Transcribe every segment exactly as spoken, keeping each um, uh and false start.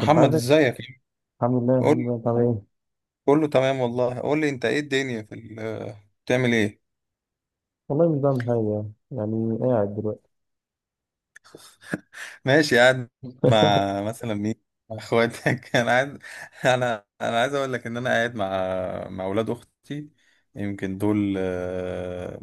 كنت عايزك. ازيك؟ الحمد لله، الحمد قول. لله، تمام. ايه؟ كله تمام والله. قول لي انت، ايه الدنيا في ال- آه، بتعمل ايه؟ والله، مش بعمل حاجة. يعني يعني قاعد دلوقتي. ماشي، قاعد مع مثلا مين؟ مع اخواتك. انا عايز انا انا عايز اقول لك ان انا قاعد مع مع اولاد اختي. يمكن دول آه،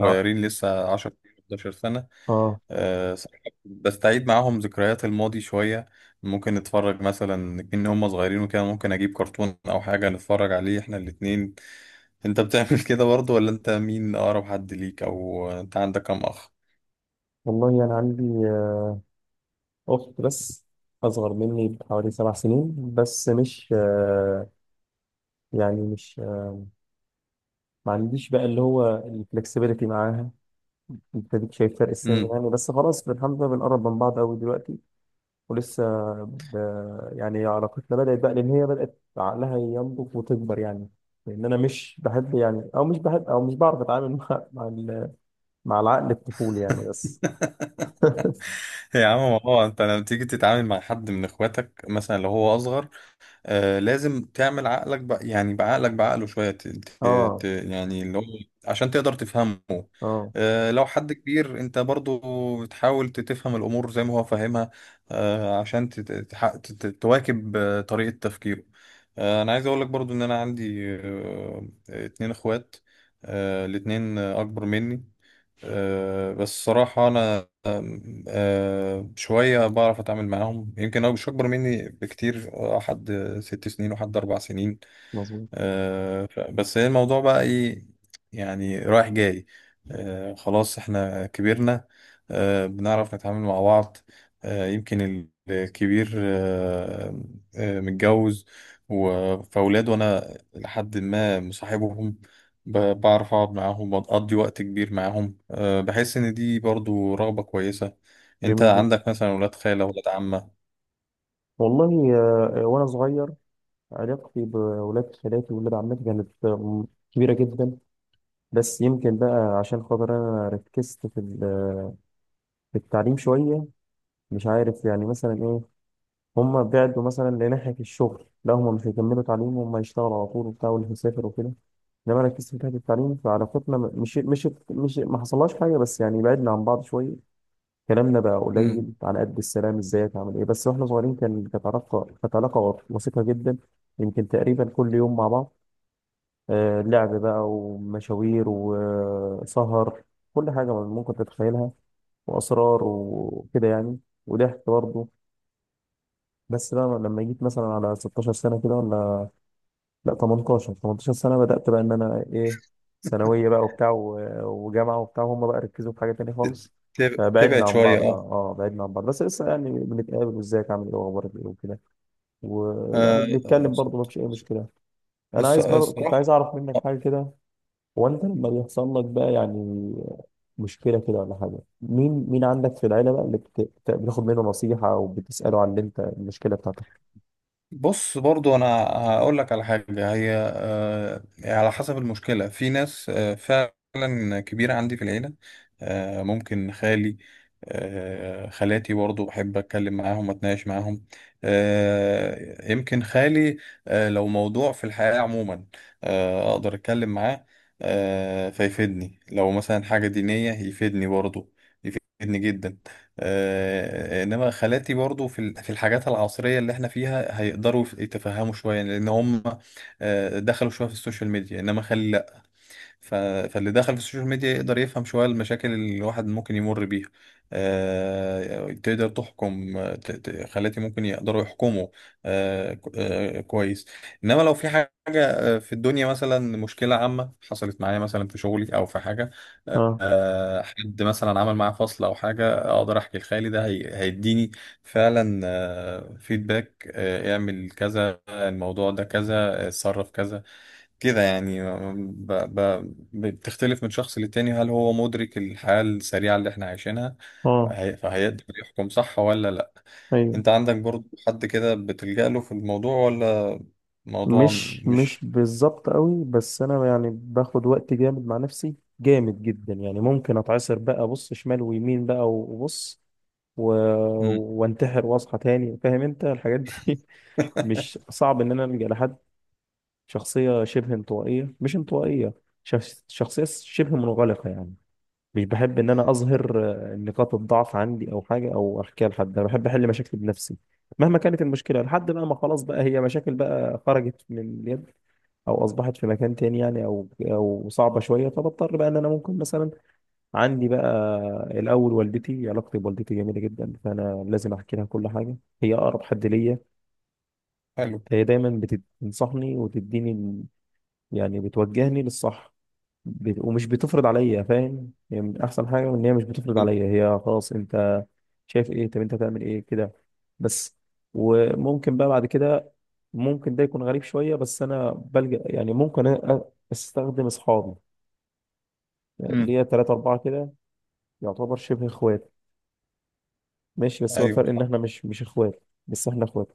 اه لسه، عشر احد عشر سنة. اه. آه، صراحة بستعيد معاهم ذكريات الماضي شوية. ممكن نتفرج مثلا، إن هم صغيرين وكده ممكن أجيب كرتون أو حاجة نتفرج عليه إحنا الاتنين. انت بتعمل كده برضه؟ ولا انت، مين اقرب حد ليك، او انت عندك كام اخ؟ والله، أنا عندي آه، أخت بس، أصغر مني بحوالي سبع سنين، بس مش آه، يعني مش آه، ما عنديش بقى اللي هو الفلكسبيليتي معاها. أنت أديك شايف فرق السن امم. يعني، بس خلاص الحمد لله، بنقرب من بعض أوي دلوقتي ولسه ب... يعني علاقتنا بدأت بقى لأن هي بدأت عقلها ينضج وتكبر يعني، لأن أنا مش بحب يعني، أو مش بحب أو مش بعرف أتعامل مع مع, ال... مع العقل الطفولي يعني، بس. يا عم، ما هو انت لما تيجي تتعامل مع حد من اخواتك، مثلا لو هو اصغر، آه لازم تعمل عقلك بقى، يعني بعقلك بعقله شوية ت... ت... ت... آه يعني اللي هو عشان تقدر تفهمه. آه، آه لو حد كبير، انت برضو تحاول ت- تفهم الأمور زي ما هو فاهمها. آه عشان تت... تح... تت... تواكب آه، طريقة تفكيره. آه أنا عايز أقول لك برضو إن أنا عندي آه اتنين إخوات. آه الاتنين أكبر مني. أه بس صراحة أنا أم، أه شوية بعرف أتعامل معاهم، يمكن هو مش أكبر مني بكتير، آه، حد ست سنين وحد أربع سنين. مظبوط. آه، ف- بس هي الموضوع بقى ايه؟ يعني رايح جاي. آه، خلاص احنا كبرنا، آه، بنعرف نتعامل مع بعض. آه، يمكن الكبير آه، آه، متجوز و- فاولاد، وانا لحد ما مصاحبهم، ب- بعرف اقعد معاهم، بقضي وقت كبير معاهم. آه، بحس ان دي برضو رغبة كويسة. انت جميل جدا. عندك مثلا ولاد خالة، ولاد عمة؟ والله آه، وأنا صغير علاقتي بولاد خالاتي وولاد عمتي كانت آه، كبيرة جدا. بس يمكن بقى عشان خاطر أنا ركزت في ال- في التعليم شوية، مش عارف يعني مثلا إيه. هم بعدوا مثلا لناحية الشغل، لا هم مش هيكملوا تعليم، هم يشتغلوا على طول وبتاع، واللي هيسافر وكده. انما انا ركزت في ناحية التعليم، فعلاقتنا م- مش مش مش ما حصلهاش حاجة، بس يعني بعدنا عن بعض شوية. كلامنا بقى مم. قليل، على قد السلام ازيك عامل ايه، بس واحنا صغيرين كان كانت علاقة كانت علاقة وثيقة جدا. يمكن تقريبا كل يوم مع بعض، آه لعب بقى ومشاوير وسهر، كل حاجة ممكن تتخيلها، وأسرار وكده يعني، وضحك برضه. بس بقى لما جيت مثلا على ستاشر سنة كده، ولا لا تمنتاشر تمنتاشر سنة، بدأت بقى إن أنا إيه، ثانوية بقى وبتاع و- وجامعة وبتاع، هم بقى ركزوا في حاجة تانية ت- خالص. تب- فبعدنا تبعد عن شوية، بعض بقى، اه. اه بعدنا عن بعض، بس لسه يعني بنتقابل وازيك عامل ايه واخبارك ايه وكده، ويعني آه، بنتكلم برضه، مفيش اي مشكلة. انا الص- عايز برضه، كنت عايز الصراحة. اعرف منك حاجة كده. هو انت لما بيحصل لك بقى يعني مشكلة كده ولا حاجة، مين مين عندك في العيلة بقى اللي بت- بت- بتاخد منه نصيحة، او بتسأله عن اللي انت المشكلة بتاعتك. بص، برضو انا هقول لك على حاجة. هي آه، على حسب المشكلة. في ناس آه، فعلا كبيرة عندي في العيلة، آه، ممكن خالي، آه، خالاتي برضو بحب اتكلم معاهم، اتناقش معاهم. آه، يمكن خالي آه، لو موضوع في الحياة عموما آه، اقدر اتكلم معاه. آه، فيفيدني. لو مثلا حاجة دينية يفيدني برضو، يفيدني جدا. آه، انما خالاتي برضو في ال- في الحاجات العصريه اللي احنا فيها هيقدروا يتفهموا شويه، لان هم آه، دخلوا شويه في السوشيال ميديا، انما خال ف... فاللي دخل في السوشيال ميديا يقدر يفهم شوية المشاكل اللي الواحد ممكن يمر بيها. آه... تقدر تحكم، آه، ت... ت... خلاتي ممكن يقدروا يحكموا آه... ك- آه... كويس. إنما لو في حاجة آه، في الدنيا، مثلا مشكلة عامة حصلت معايا، مثلا في شغلي أو في حاجة، اه آه، حد مثلا عمل معاه فصل او حاجه، اقدر احكي لخالي. ده هي- هيديني فعلا فيدباك، اعمل كذا، الموضوع ده كذا، آه، اتصرف كذا، كده يعني. ب... ب... بتختلف من شخص للتاني، هل هو مدرك الحياة السريعة اللي احنا عايشينها؟ اه، فهي... فهيقدر يحكم صح ولا لا. ايوه. انت عندك برضو حد كده بتلجأ له في الموضوع ولا؟ موضوع مش مش مش. بالظبط قوي، بس انا يعني باخد وقت جامد مع نفسي، جامد جدا يعني. ممكن اتعصر بقى، بص شمال ويمين بقى، وبص و... مم. وانتحر واصحى تاني، فاهم انت الحاجات دي؟ مش صعب ان انا الجا لحد. شخصيه شبه انطوائيه، مش انطوائيه، شخص... شخصيه شبه منغلقه يعني. مش بحب ان انا اظهر آه، نقاط الضعف عندي او حاجه، او احكيها لحد. انا بحب احل مشاكلي بنفسي مهما كانت المشكله، لحد بقى ما خلاص بقى هي مشاكل بقى خرجت من اليد، او اصبحت في مكان تاني يعني، او او صعبه شويه، فبضطر بقى ان انا ممكن مثلا. عندي بقى الاول والدتي، علاقتي بوالدتي جميله جدا، فانا لازم احكي لها كل حاجه. هي اقرب حد ليا، حلو. هي دايما بتنصحني وتديني ال- يعني بتوجهني للصح، ب- ومش بتفرض عليا، فاهم؟ هي من احسن حاجه ان هي مش بتفرض عليا. هي خلاص، انت شايف ايه، طب انت هتعمل ايه كده، بس. وممكن بقى بعد كده، ممكن ده يكون غريب شويه، بس انا بلجأ يعني، ممكن أ- استخدم اصحابي، اللي مم. هي ثلاثة أربعة كده، يعتبر شبه إخوات. ماشي، بس هو ايوه، الفرق إن صح. إحنا مش مش إخوات، بس إحنا إخوات.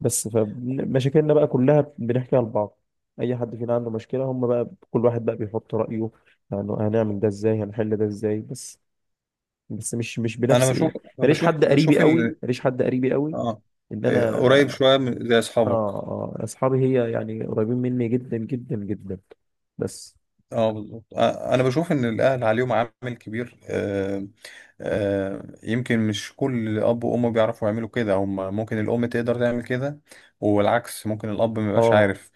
بس فمشاكلنا بقى كلها بنحكيها لبعض. أي حد فينا عنده مشكلة، هم بقى كل واحد بقى بيحط رأيه، يعني هنعمل ده إزاي، هنحل ده إزاي، بس بس مش مش انا بنفس ايه. بشوف ماليش بشوف حد قريبي بشوف قوي ال... ماليش حد قريبي قوي، اه ان إيه، انا. قريب شوية من- زي اه اصحابك؟ اه، اصحابي هي يعني قريبين مني جدا جدا جدا، بس. اه، بالظبط. آه، انا بشوف ان الاهل عليهم عامل كبير. آه، آه، يمكن مش كل اب وام بيعرفوا يعملوا كده. هم ممكن الام تقدر تعمل كده والعكس، ممكن الاب ما يبقاش اه عارف.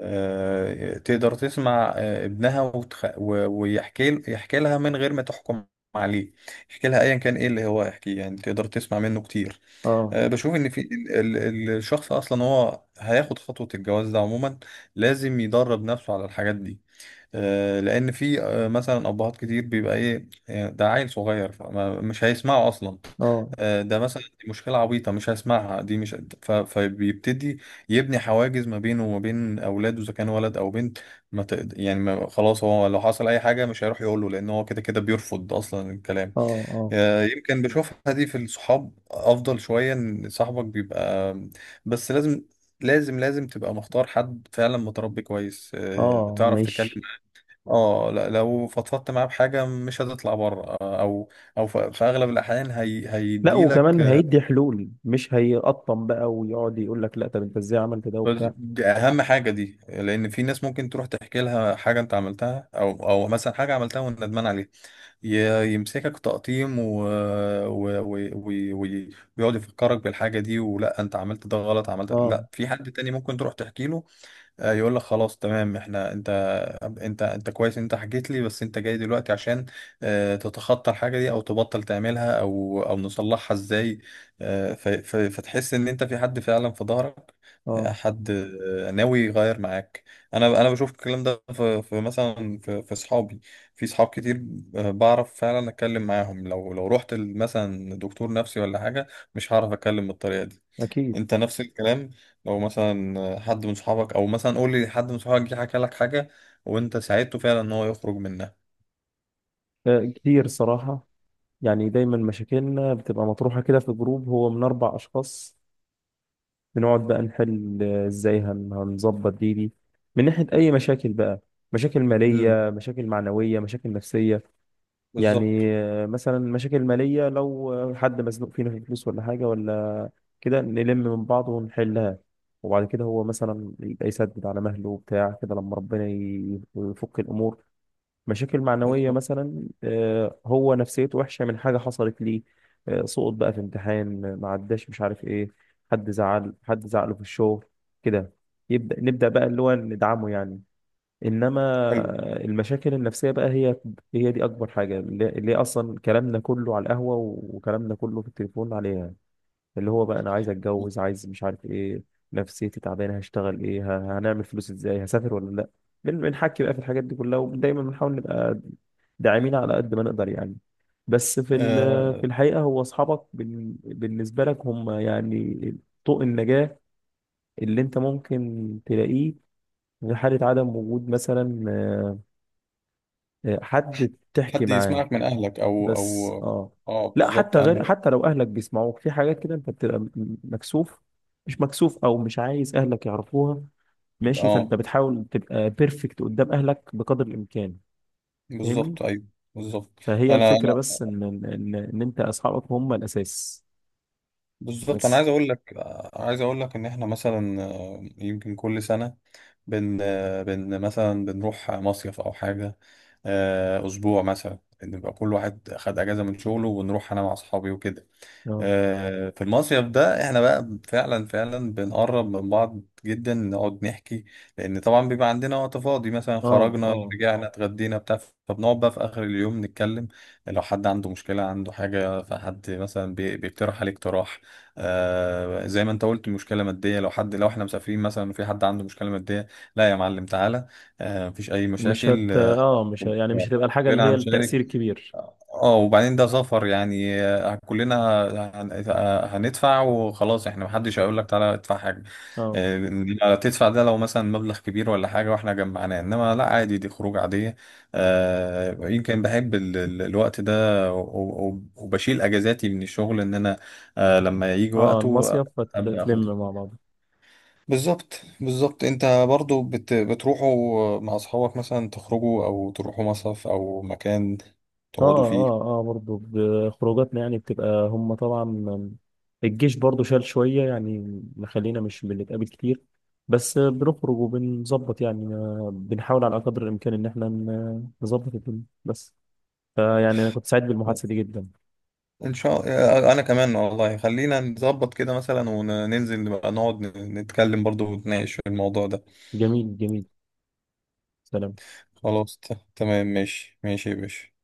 آه، تقدر تسمع آه، ابنها وتخ... و- ويحكي يحكي لها من غير ما تحكم عليه. يحكي لها ايا كان ايه اللي هو يحكيه، يعني تقدر تسمع منه كتير. اه آه، بشوف ان في ال- ال- الشخص اصلا، هو هياخد خطوة الجواز ده عموما لازم يدرب نفسه على الحاجات دي. آه، لان في آه، مثلا ابهات كتير بيبقى ايه، آه، ده عيل صغير فمش هيسمعه اصلا. اه آه، ده مثلا دي مشكله عبيطه مش هيسمعها، دي مش. ف- فبيبتدي يبني حواجز ما بينه وما بين اولاده، اذا كان ولد او بنت. ما تقد... يعني ما خلاص، هو لو حصل اي حاجه مش هيروح يقوله، لان هو كده كده بيرفض اصلا الكلام. اه اه آه، يمكن بشوفها دي في الصحاب افضل شويه، ان صاحبك بيبقى. بس لازم لازم لازم تبقى مختار حد فعلا متربي كويس، آه، اه، تعرف تتكلم. مش، اه، لا، لو فضفضت معاه بحاجه مش هتطلع بره، آه، او او ف- في اغلب الاحيان هي لا، هيديلك. وكمان هيدي حلول، مش هيقطم بقى ويقعد يقول لك لا، طب انت ازاي عملت ده بس وبتاع. دي اهم حاجه، دي لان في ناس ممكن تروح تحكي لها حاجه انت عملتها، او او مثلا حاجه عملتها وندمان عليها، ي- يمسكك تقطيم و... و... و... و... و... ويقعد يفكرك بالحاجه دي، ولا انت عملت ده غلط، عملت. اه لا، في حد تاني ممكن تروح تحكي له آه، يقول لك خلاص، تمام، احنا انت انت انت كويس إن انت حكيت لي، بس انت جاي دلوقتي عشان آه، تتخطى الحاجه دي، او تبطل تعملها، او او نصلحها ازاي. آه، ف- ف- فتحس ان انت في حد فعلا في ظهرك، آه، اه، حد آه، ناوي يغير معاك. انا انا بشوف الكلام ده في في مثلا في في اصحابي، في صحاب كتير، آه، بعرف فعلا اتكلم معاهم. لو لو رحت ل- مثلا دكتور نفسي ولا حاجه مش هعرف اتكلم بالطريقه دي. اكيد. انت نفس الكلام، لو مثلا حد من صحابك، او مثلا قول لي، حد من صحابك جه حكى لك حاجه وانت ساعدته فعلا ان هو يخرج منها؟ آه، كتير صراحة. يعني دايما مشاكلنا بتبقى مطروحة كده في جروب هو من اربع اشخاص، بنقعد بقى نحل، آه، ازاي هن- هنظبط دي دي من ناحية أي مشاكل بقى، مشاكل امم. مالية، مشاكل معنوية، مشاكل نفسية. يعني بالظبط، آه، مثلا مشاكل مالية، لو آه، حد مزنوق فينا في فلوس ولا حاجة ولا كده، نلم من بعض ونحلها، وبعد كده هو مثلا يبقى يسدد على مهله وبتاع كده، لما ربنا ي- يفك الأمور. مشاكل معنوية بالظبط. مثلا، آه، هو نفسيته وحشة من حاجة حصلت ليه، آه، سقط بقى في امتحان، آه، ما عداش، مش عارف ايه، حد زعل، حد زعله في الشغل كده، يبدأ نبدأ بقى اللي هو ندعمه يعني. انما حلو. آه، المشاكل النفسية بقى، هي هي دي اكبر حاجة، اللي اللي هي اصلا كلامنا كله على القهوة، وكلامنا كله في التليفون عليها، اللي هو بقى انا عايز اتجوز، عايز مش عارف ايه، نفسيتي تعبانة، هشتغل ايه، ه- هنعمل فلوس ازاي، هسافر ولا لا. بن- بنحكي بقى في الحاجات دي كلها، ودايما بنحاول نبقى داعمين على قد ما نقدر يعني. بس في ال- في أه، الحقيقة هو أصحابك بال- بالنسبة لك هم يعني طوق النجاة اللي أنت ممكن تلاقيه في حالة عدم وجود مثلا آه، آه، حد تحكي حد معاه، يسمعك من اهلك، او بس. او اه، اه. لا، بالظبط. حتى غير انا، حتى لو أهلك بيسمعوك في حاجات كده، أنت بتبقى م- مكسوف، مش مكسوف أو مش عايز أهلك يعرفوها، ماشي. اه، فأنت بتحاول تبقى بيرفكت قدام أهلك بقدر الإمكان، فاهمني؟ بالظبط، ايوه، بالظبط. فهي انا الفكرة، انا بس إن إن إن أنت أصحابك هم الأساس، بالظبط. انا بس. عايز اقول لك عايز اقول لك ان احنا مثلا، آه، يمكن كل سنه، بن بن مثلا بنروح مصيف أو حاجة، آه، أسبوع مثلا، نبقى كل واحد خد أجازة من شغله، ونروح أنا مع أصحابي وكده. أه آه، في المصيف ده احنا بقى فعلا فعلا بنقرب من بعض جدا، نقعد نحكي. لان طبعا بيبقى عندنا وقت فاضي، مثلا أه خرجنا، أه، رجعنا، اتغدينا، بتاع، فبنقعد بقى في اخر اليوم نتكلم. لو حد عنده مشكلة، عنده حاجة، فحد مثلا بي- بيقترح عليه اقتراح. آه زي ما انت قلت، مشكلة مادية، لو حد، لو احنا مسافرين مثلا وفي حد عنده مشكلة مادية، لا يا معلم، تعالى. آه مفيش اي مش مشاكل. هت أه مش ه... يعني مش هتبقى آه، الحاجة اللي كلنا هي هنشارك. التأثير الكبير. اه، وبعدين ده سفر يعني، آه، كلنا هن- آه، هندفع وخلاص. احنا محدش هيقول لك تعالى ادفع حاجة. أه آه، لا، تدفع ده لو مثلا مبلغ كبير ولا حاجة واحنا جمعناه، انما لا، عادي، دي خروج عادية. آه، يمكن بحب ال- ال- الوقت ده و- و- وبشيل اجازاتي من الشغل، ان انا آه، لما يجي أه، وقته المصيف، ابدا اخدها. فتلم مع بعض. بالظبط، بالظبط. انت برضو بت... بتروحوا مع اصحابك مثلا، تخرجوا او تروحوا مصيف او مكان أه تقعدوا فيه؟ أه أه، برضه بخروجاتنا يعني، بتبقى هم طبعا. الجيش برضه شال شوية يعني، مخلينا مش بنتقابل كتير، بس بنخرج وبنظبط يعني، بنحاول على قدر الإمكان إن إحنا ن- نظبط الدنيا بس. فيعني أنا كنت سعيد بالمحادثة دي جدا. ان شاء الله. آه، انا كمان والله، خلينا نظبط كده مثلا، وننزل بقى نقعد نتكلم برضو، ونتناقش في الموضوع ده. جميل جميل. سلام. خلاص، ت- تمام، ماشي ماشي يا باشا.